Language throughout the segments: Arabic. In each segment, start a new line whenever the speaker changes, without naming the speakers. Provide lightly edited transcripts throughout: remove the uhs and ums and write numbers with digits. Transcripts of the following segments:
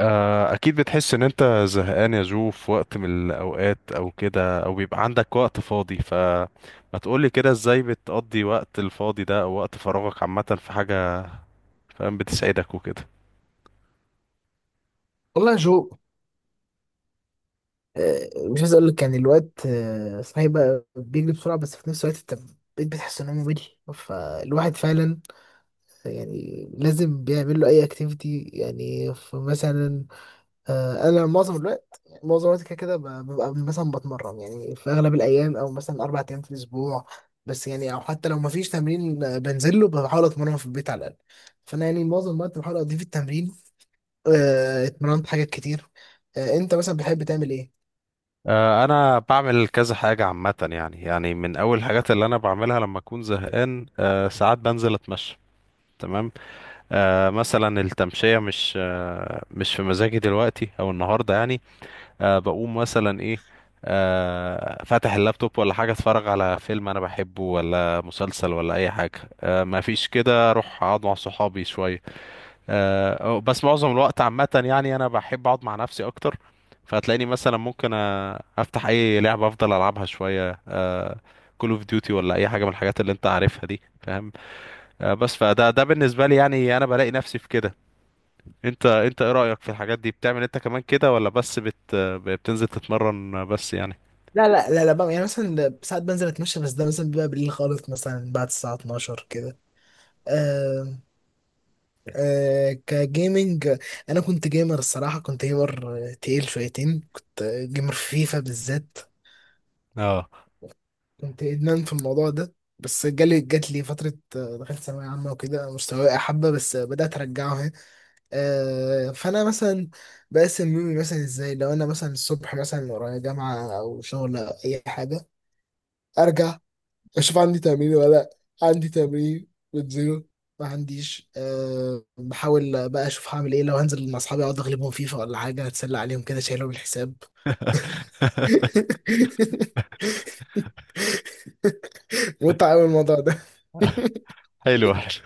اكيد بتحس ان انت زهقان يا جو، في وقت من الاوقات او كده، او بيبقى عندك وقت فاضي. فما تقولي كده، ازاي بتقضي وقت الفاضي ده او وقت فراغك عامة في حاجة فاهم بتسعدك وكده؟
والله يا جو. مش عايز اقول لك يعني الوقت صحيح بقى بيجري بسرعه، بس في نفس الوقت انت بقيت بتحس ان هو ممل. فالواحد فعلا يعني لازم بيعمل له اي اكتيفيتي، يعني فمثلا انا معظم الوقت معظم الوقت كده كده ببقى مثلا بتمرن، يعني في اغلب الايام او مثلا اربع ايام في الاسبوع. بس يعني او حتى لو مفيش تمرين، بنزل له بحاول اتمرن في البيت على الاقل. فانا يعني معظم الوقت بحاول اضيف التمرين. اتمرنت حاجات كتير. انت مثلا بتحب تعمل ايه؟
انا بعمل كذا حاجة عامة، يعني من اول الحاجات اللي انا بعملها لما اكون زهقان، ساعات بنزل اتمشى. تمام. مثلا التمشية مش في مزاجي دلوقتي او النهاردة يعني. بقوم مثلا ايه. فاتح اللابتوب ولا حاجة، اتفرج على فيلم انا بحبه ولا مسلسل ولا اي حاجة. ما فيش كده، اروح اقعد مع صحابي شوية. بس معظم الوقت عامة يعني، انا بحب اقعد مع نفسي اكتر. فهتلاقيني مثلا ممكن، افتح اي لعبة افضل العبها شوية. كول اوف ديوتي ولا اي حاجة من الحاجات اللي انت عارفها دي، فاهم؟ بس فده بالنسبة لي يعني، انا بلاقي نفسي في كده. انت ايه رأيك في الحاجات دي، بتعمل انت كمان كده ولا بس بتنزل تتمرن بس يعني؟
لا لا لا لا بقى، يعني مثلا ده ساعات بنزل اتمشى، بس ده مثلا بيبقى بالليل خالص مثلا بعد الساعة 12 كده. آه. كجيمنج، انا كنت جيمر الصراحة، كنت جيمر تقيل شويتين، كنت جيمر في فيفا بالذات.
اه.
كنت ادمان في الموضوع ده، بس جات لي فترة، دخلت ثانوية عامة وكده مستواي وقع حبة، بس بدأت أرجعه أهي. فأنا مثلا بقسم يومي مثلا إزاي. لو أنا مثلا الصبح مثلا ورايا جامعة أو شغل أو أي حاجة أرجع اشوف عندي تمرين ولا لأ. عندي تمرين بنزله. ما عنديش، بحاول بقى اشوف هعمل ايه. لو هنزل مع اصحابي اقعد اغلبهم فيفا ولا حاجه، اتسلى عليهم كده شايلهم الحساب. متعة قوي الموضوع ده.
حلو حلو.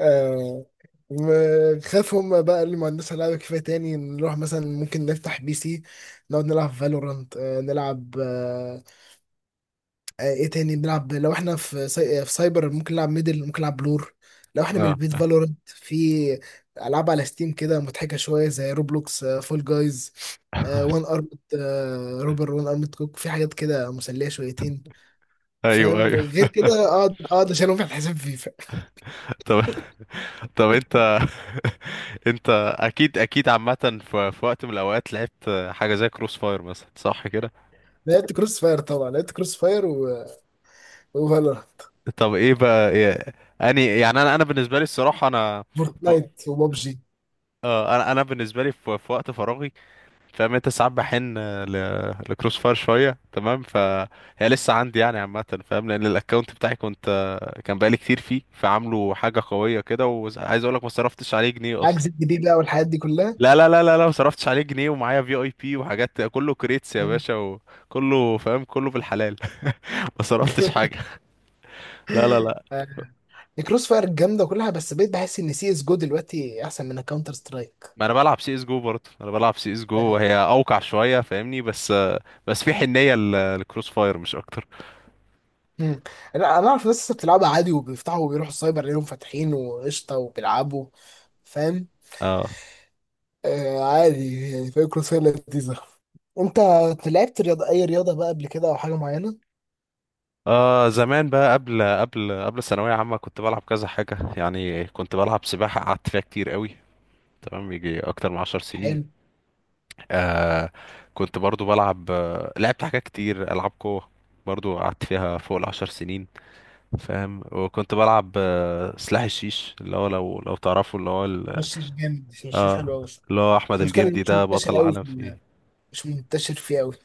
أه. خاف هم بقى اللي ما عندناش لعبة كفاية. تاني نروح مثلا ممكن نفتح بي سي نقعد نلعب فالورانت، نلعب، ايه تاني نلعب. لو احنا في في سايبر ممكن نلعب ميدل، ممكن نلعب بلور. لو احنا من
اه.
البيت فالورنت، في العاب على ستيم كده مضحكه شويه زي روبلوكس، فول جايز، وان ارمد، روبر وان ارمد كوك، في حاجات كده مسليه شويتين.
ايوه،
فاهم؟
ايوه.
غير كده اقعد اقعد اشيلهم في الحساب فيفا.
طب طب انت... انت... اكيد اكيد عامه، في وقت من الاوقات لعبت حاجه زي كروس فاير مثلا، صح كده؟
لعبت كروس فاير طبعا، لعبت كروس فاير و... وفالورانت،
طب ايه بقى إيه... اني يعني، انا بالنسبه لي الصراحه انا... ف-
فورتنايت وبابجي.
انا بالنسبه لي في وقت فراغي. فاهم انت، ساعات بحن ل... لكروس فاير شويه، تمام فهي لسه عندي يعني، عامه فاهم. لان الاكونت بتاعي كان بقالي كتير فيه، فعامله حاجه قويه كده. وعايز اقول لك ما صرفتش عليه جنيه اصلا.
عجز الجديد بقى والحاجات دي كلها.
لا، لا، لا، لا، لا، ما صرفتش عليه جنيه ومعايا في IP وحاجات، كله كريتس يا باشا، وكله فاهم كله بالحلال. ما صرفتش حاجه. لا، لا، لا.
الكروس فاير جامده وكلها، بس بقيت بحس ان سي اس جو دلوقتي احسن من الكاونتر سترايك.
ما انا بلعب CSGO برضه، انا بلعب CSGO وهي اوقع شويه فاهمني، بس... بس في حنيه للكروس فاير مش اكتر.
مم. لا انا اعرف ناس لسه بتلعبها عادي، وبيفتحوا وبيروحوا السايبر ليهم فاتحين وقشطه وبيلعبوا. فاهم؟
اه.
آه عادي يعني. فاهم؟ كروس فاير لذيذه. انت لعبت رياضه، اي رياضه بقى قبل كده او حاجه معينه؟
زمان بقى، قبل الثانوية عامة كنت بلعب كذا حاجة يعني، كنت بلعب سباحة قعدت فيها كتير قوي. تمام، يجي أكتر من 10 سنين.
حلو.
آه. كنت برضو بلعب آه، لعبت حاجات كتير، ألعاب قوة. برضو قعدت فيها فوق ال10 سنين. فاهم، وكنت بلعب سلاح الشيش، اللي هو لو تعرفوا اللي هو
مشيش جامد، مشيش
اه
حلو قوي.
اللي هو أحمد
المشكله إن
الجندي
مش
ده بطل
منتشر قوي في
العالم فيه.
مش منتشر فيه قوي.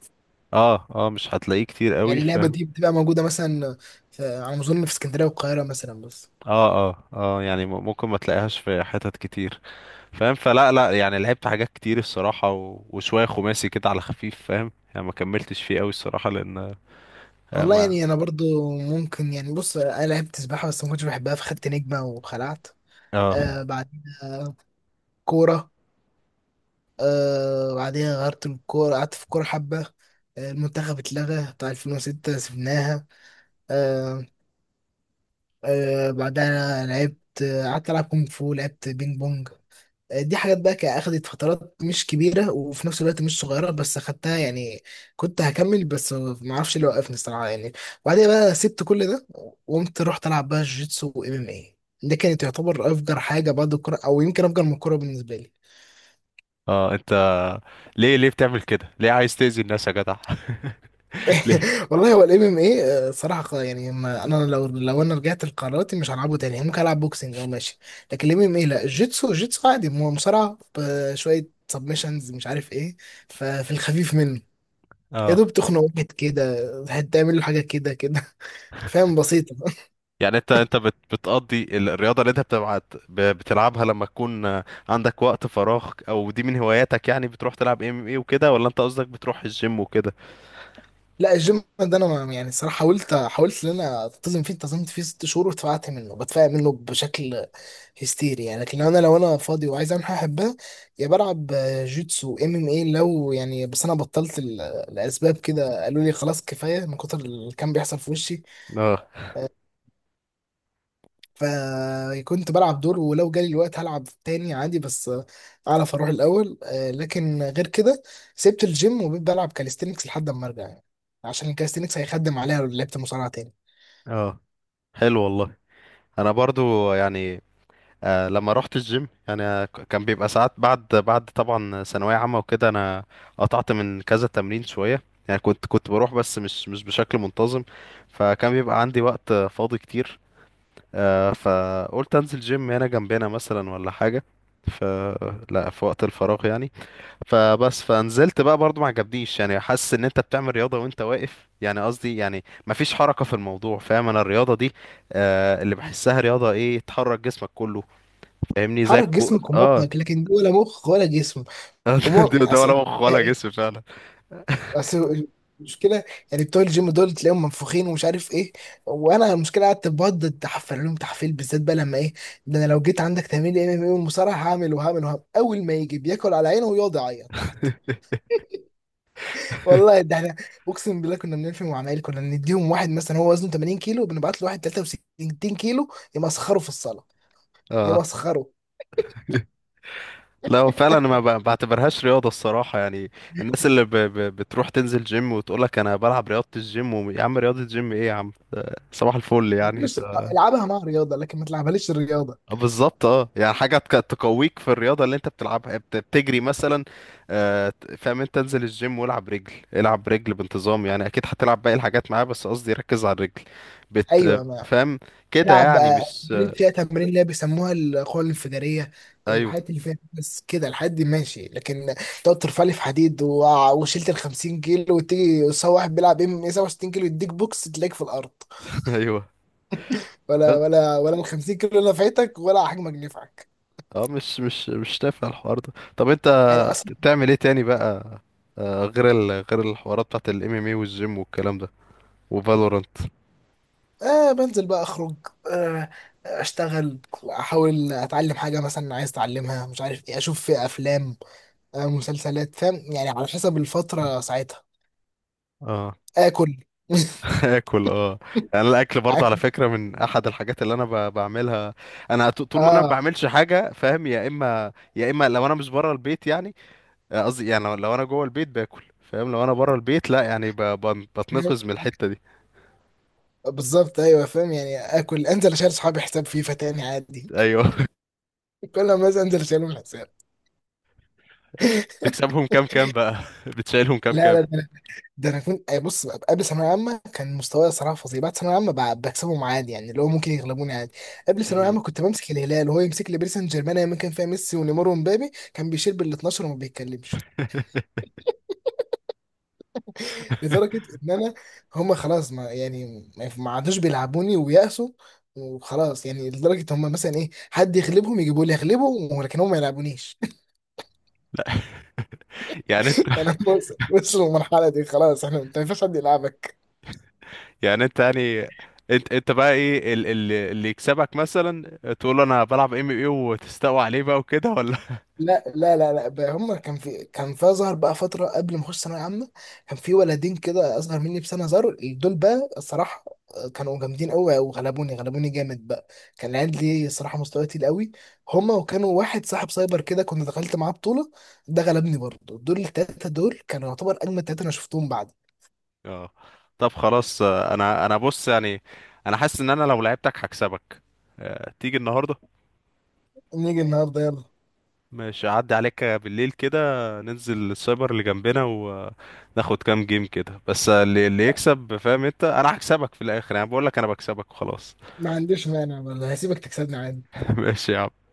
اه، اه، مش هتلاقيه كتير قوي
يعني اللعبه
فاهم.
دي بتبقى موجوده مثلا في، على ما اظن في اسكندريه والقاهره مثلا بس.
اه، اه، اه، يعني ممكن ما تلاقيهاش في حتت كتير. فاهم. فلا لا يعني، لعبت حاجات كتير الصراحة، و... وشوية خماسي كده على خفيف، فاهم يعني ما كملتش فيه قوي الصراحة لأن... آه،
والله
ما
يعني انا برضو ممكن، يعني بص انا لعبت سباحه بس ما كنتش بحبها، فخدت نجمه وخلعت.
اه،
بعدين كوره. بعدين غيرت الكوره قعدت في كوره حبه. آه المنتخب اتلغى بتاع 2006 سبناها. آه. بعدها لعبت، قعدت العب كونغ فو، لعبت بينج بونج. دي حاجات بقى اخدت فترات مش كبيرة، وفي نفس الوقت مش صغيرة، بس اخدتها يعني. كنت هكمل بس ما اعرفش اللي وقفني الصراحة يعني. وبعدين بقى سبت كل ده، وقمت رحت العب بقى جيتسو وام ام اي. ده كانت تعتبر افجر حاجة بعد الكورة، او يمكن افجر من الكورة بالنسبة لي.
اه، انت... ليه ليه بتعمل كده؟ ليه عايز تأذي الناس يا جدع؟ ليه؟
والله هو الام ام اي صراحة يعني، ما انا لو انا رجعت لقراراتي مش هلعبه تاني يعني. ممكن العب بوكسنج او ماشي، لكن الام ام اي لا. الجيتسو، الجيتسو عادي، مصارعة بشوية سبمشنز مش عارف ايه. ففي الخفيف منه يا
اه،
دوب تخنق واحد كده، هتعمل له حاجه كده كده. فاهم؟ بسيطه.
يعني انت بتقضي الرياضة اللي انت بتلعبها لما تكون عندك وقت فراغ، او دي من هواياتك يعني؟ بتروح تلعب ام ايه وكده، ولا انت قصدك بتروح الجيم وكده؟
لا، الجيم ده انا يعني الصراحه حاولت ان انا التزم فيه، التزمت فيه ست شهور واتفقعت منه، بتفقع منه بشكل هستيري يعني. لكن لو انا فاضي وعايز اعمل حاجه احبها، يا بلعب جيتسو، ام ام اي لو يعني. بس انا بطلت الاسباب كده، قالوا لي خلاص كفايه من كتر اللي كان بيحصل في وشي.
اه،
فكنت بلعب دور، ولو جالي الوقت هلعب تاني عادي. بس اعرف اروح الاول، لكن غير كده سبت الجيم وبقيت بلعب كاليستينكس لحد اما ارجع يعني، عشان الكاليستينكس هيخدم عليها لو لعبت مصارعه تاني.
اه، حلو والله. انا برضو يعني... لما رحت الجيم يعني كان بيبقى ساعات، بعد طبعا ثانوية عامة وكده انا قطعت من كذا تمرين شوية. يعني كنت بروح، بس مش بشكل منتظم. فكان بيبقى عندي وقت فاضي كتير. فقلت انزل جيم هنا جنبنا مثلا ولا حاجة. ف لا، في وقت الفراغ يعني. فبس فنزلت بقى، برضو ما عجبنيش يعني. حاسس ان انت بتعمل رياضة وانت واقف، يعني قصدي يعني مفيش حركة في الموضوع، فاهم؟ انا الرياضة دي، اللي بحسها رياضة، ايه تحرك جسمك كله. فاهمني، زي
حرك
الكو
جسمك
اه
ومخك لكن ولا مخ ولا جسم. وما
ده ولا
اصل
مخ ولا
ايه،
جسم فعلا.
اصل المشكله، يعني بتوع الجيم دول تلاقيهم منفوخين ومش عارف ايه. وانا المشكله قعدت بقعد تحفل لهم تحفيل بالذات بقى لما ايه. ده انا لو جيت عندك تمرين ام ام اي والمصارعه هعمل وهعمل وهعمل، اول ما يجي بياكل على عينه ويقعد يعيط تحت. والله ده احنا، اقسم بالله كنا بنلفي مع عمايل، كنا نديهم واحد مثلا هو وزنه 80 كيلو، بنبعت له واحد 63 كيلو يمسخره في الصاله،
اه،
يمسخره.
لا هو فعلا ما بعتبرهاش رياضة الصراحة يعني. الناس اللي بتروح تنزل جيم وتقول لك انا بلعب رياضة الجيم، يا عم رياضة الجيم ايه يا عم، ده صباح الفل يعني
مش
انت...
العبها مع رياضه لكن ما تلعبهاليش الرياضه.
بالظبط اه، يعني حاجة تقويك في الرياضة اللي انت بتلعبها، يعني بتجري مثلا. فاهم، انت انزل الجيم والعب رجل العب رجل بانتظام، يعني اكيد هتلعب باقي الحاجات معاه بس قصدي ركز على الرجل.
ايوه يا مان.
فاهم كده
العب
يعني
بقى
مش
تمارين، فيها تمارين اللي هي بيسموها القوه الانفجاريه،
ايوه.
الحاجات اللي فيها بس كده، الحاجات دي ماشي. لكن تقعد ترفع لي في حديد وشلت ال 50 كيلو، وتيجي سوا واحد بيلعب ام ام 67 كيلو يديك بوكس تلاقيك في الارض.
ايوه
ولا
بس...
ولا ولا ال 50 كيلو نفعتك ولا حجمك نفعك.
اه، مش تافه الحوار ده. طب انت
يعني.
بتعمل ايه تاني بقى؟ غير الحوارات بتاعت الMMA والجيم والكلام ده. وفالورانت.
آه بنزل بقى، أخرج، آه أشتغل، أحاول أتعلم حاجة مثلا عايز أتعلمها مش عارف إيه، أشوف في أفلام، آه مسلسلات، فاهم يعني على حسب الفترة ساعتها.
اه.
آكل.
اكل، اه. يعني الاكل برضه على فكره من احد الحاجات اللي انا بعملها. انا طول ما انا ما
آه.
بعملش حاجه فاهم، يا اما لو انا مش بره البيت يعني. قصدي يعني، لو انا جوه البيت باكل فاهم، لو انا بره البيت لا يعني
فاهم؟
بتنقذ من الحته دي.
بالظبط أيوه فاهم، يعني آكل، أنزل أشيل صحابي حساب فيفا تاني عادي.
ايوه.
كل ما أنزل أشيلهم حساب.
بتكسبهم كام كام بقى؟ بتشيلهم كام
لا
كام؟
لا. ده انا كنت أي بص قبل ثانويه عامه كان مستواي صراحه فظيع. بعد ثانويه عامه بكسبهم عادي، يعني اللي هو ممكن يغلبوني عادي. قبل ثانويه
امم.
عامه كنت بمسك الهلال وهو يمسك لي باريس سان جيرمان، ايام ما كان فيها ميسي ونيمار ومبابي. كان بيشيل بال 12 وما بيتكلمش، لدرجه ان انا، هم خلاص، ما يعني ما عادوش بيلعبوني ويأسوا وخلاص يعني. لدرجه هم مثلا ايه، حد يغلبهم يجيبوا لي اغلبهم، ولكن هم ما يلعبونيش.
يعني
يعني هم وصلوا للمرحله دي، خلاص احنا، انت ما ينفعش حد يلعبك.
يعني انت يعني انت بقى ايه اللي يكسبك مثلا تقول له انا بلعب MMA وتستقوى عليه بقى وكده، ولا؟
لا لا لا لا بقى. هما كان في كان في ظهر بقى فترة قبل ما اخش ثانوية عامة. كان في ولدين كده اصغر مني بسنة ظهروا دول بقى الصراحة، كانوا جامدين قوي وغلبوني، غلبوني جامد بقى. كان العيال دي الصراحة مستوى تقيل قوي، هما. وكانوا واحد صاحب سايبر كده كنت دخلت معاه بطولة، ده غلبني برضه. دول التلاتة دول كانوا يعتبر اجمد تلاتة انا شفتهم بعد.
اه، طب خلاص. انا بص يعني، انا حاسس ان انا لو لعبتك هكسبك. تيجي النهارده؟
نيجي النهاردة يلا.
مش هعدي عليك بالليل كده. ننزل السايبر اللي جنبنا وناخد كام جيم كده، بس اللي يكسب فاهم انت، انا هكسبك في الاخر يعني. بقول لك انا بكسبك وخلاص.
ما عنديش مانع والله، هسيبك تكسبني عادي.
ماشي يا عم.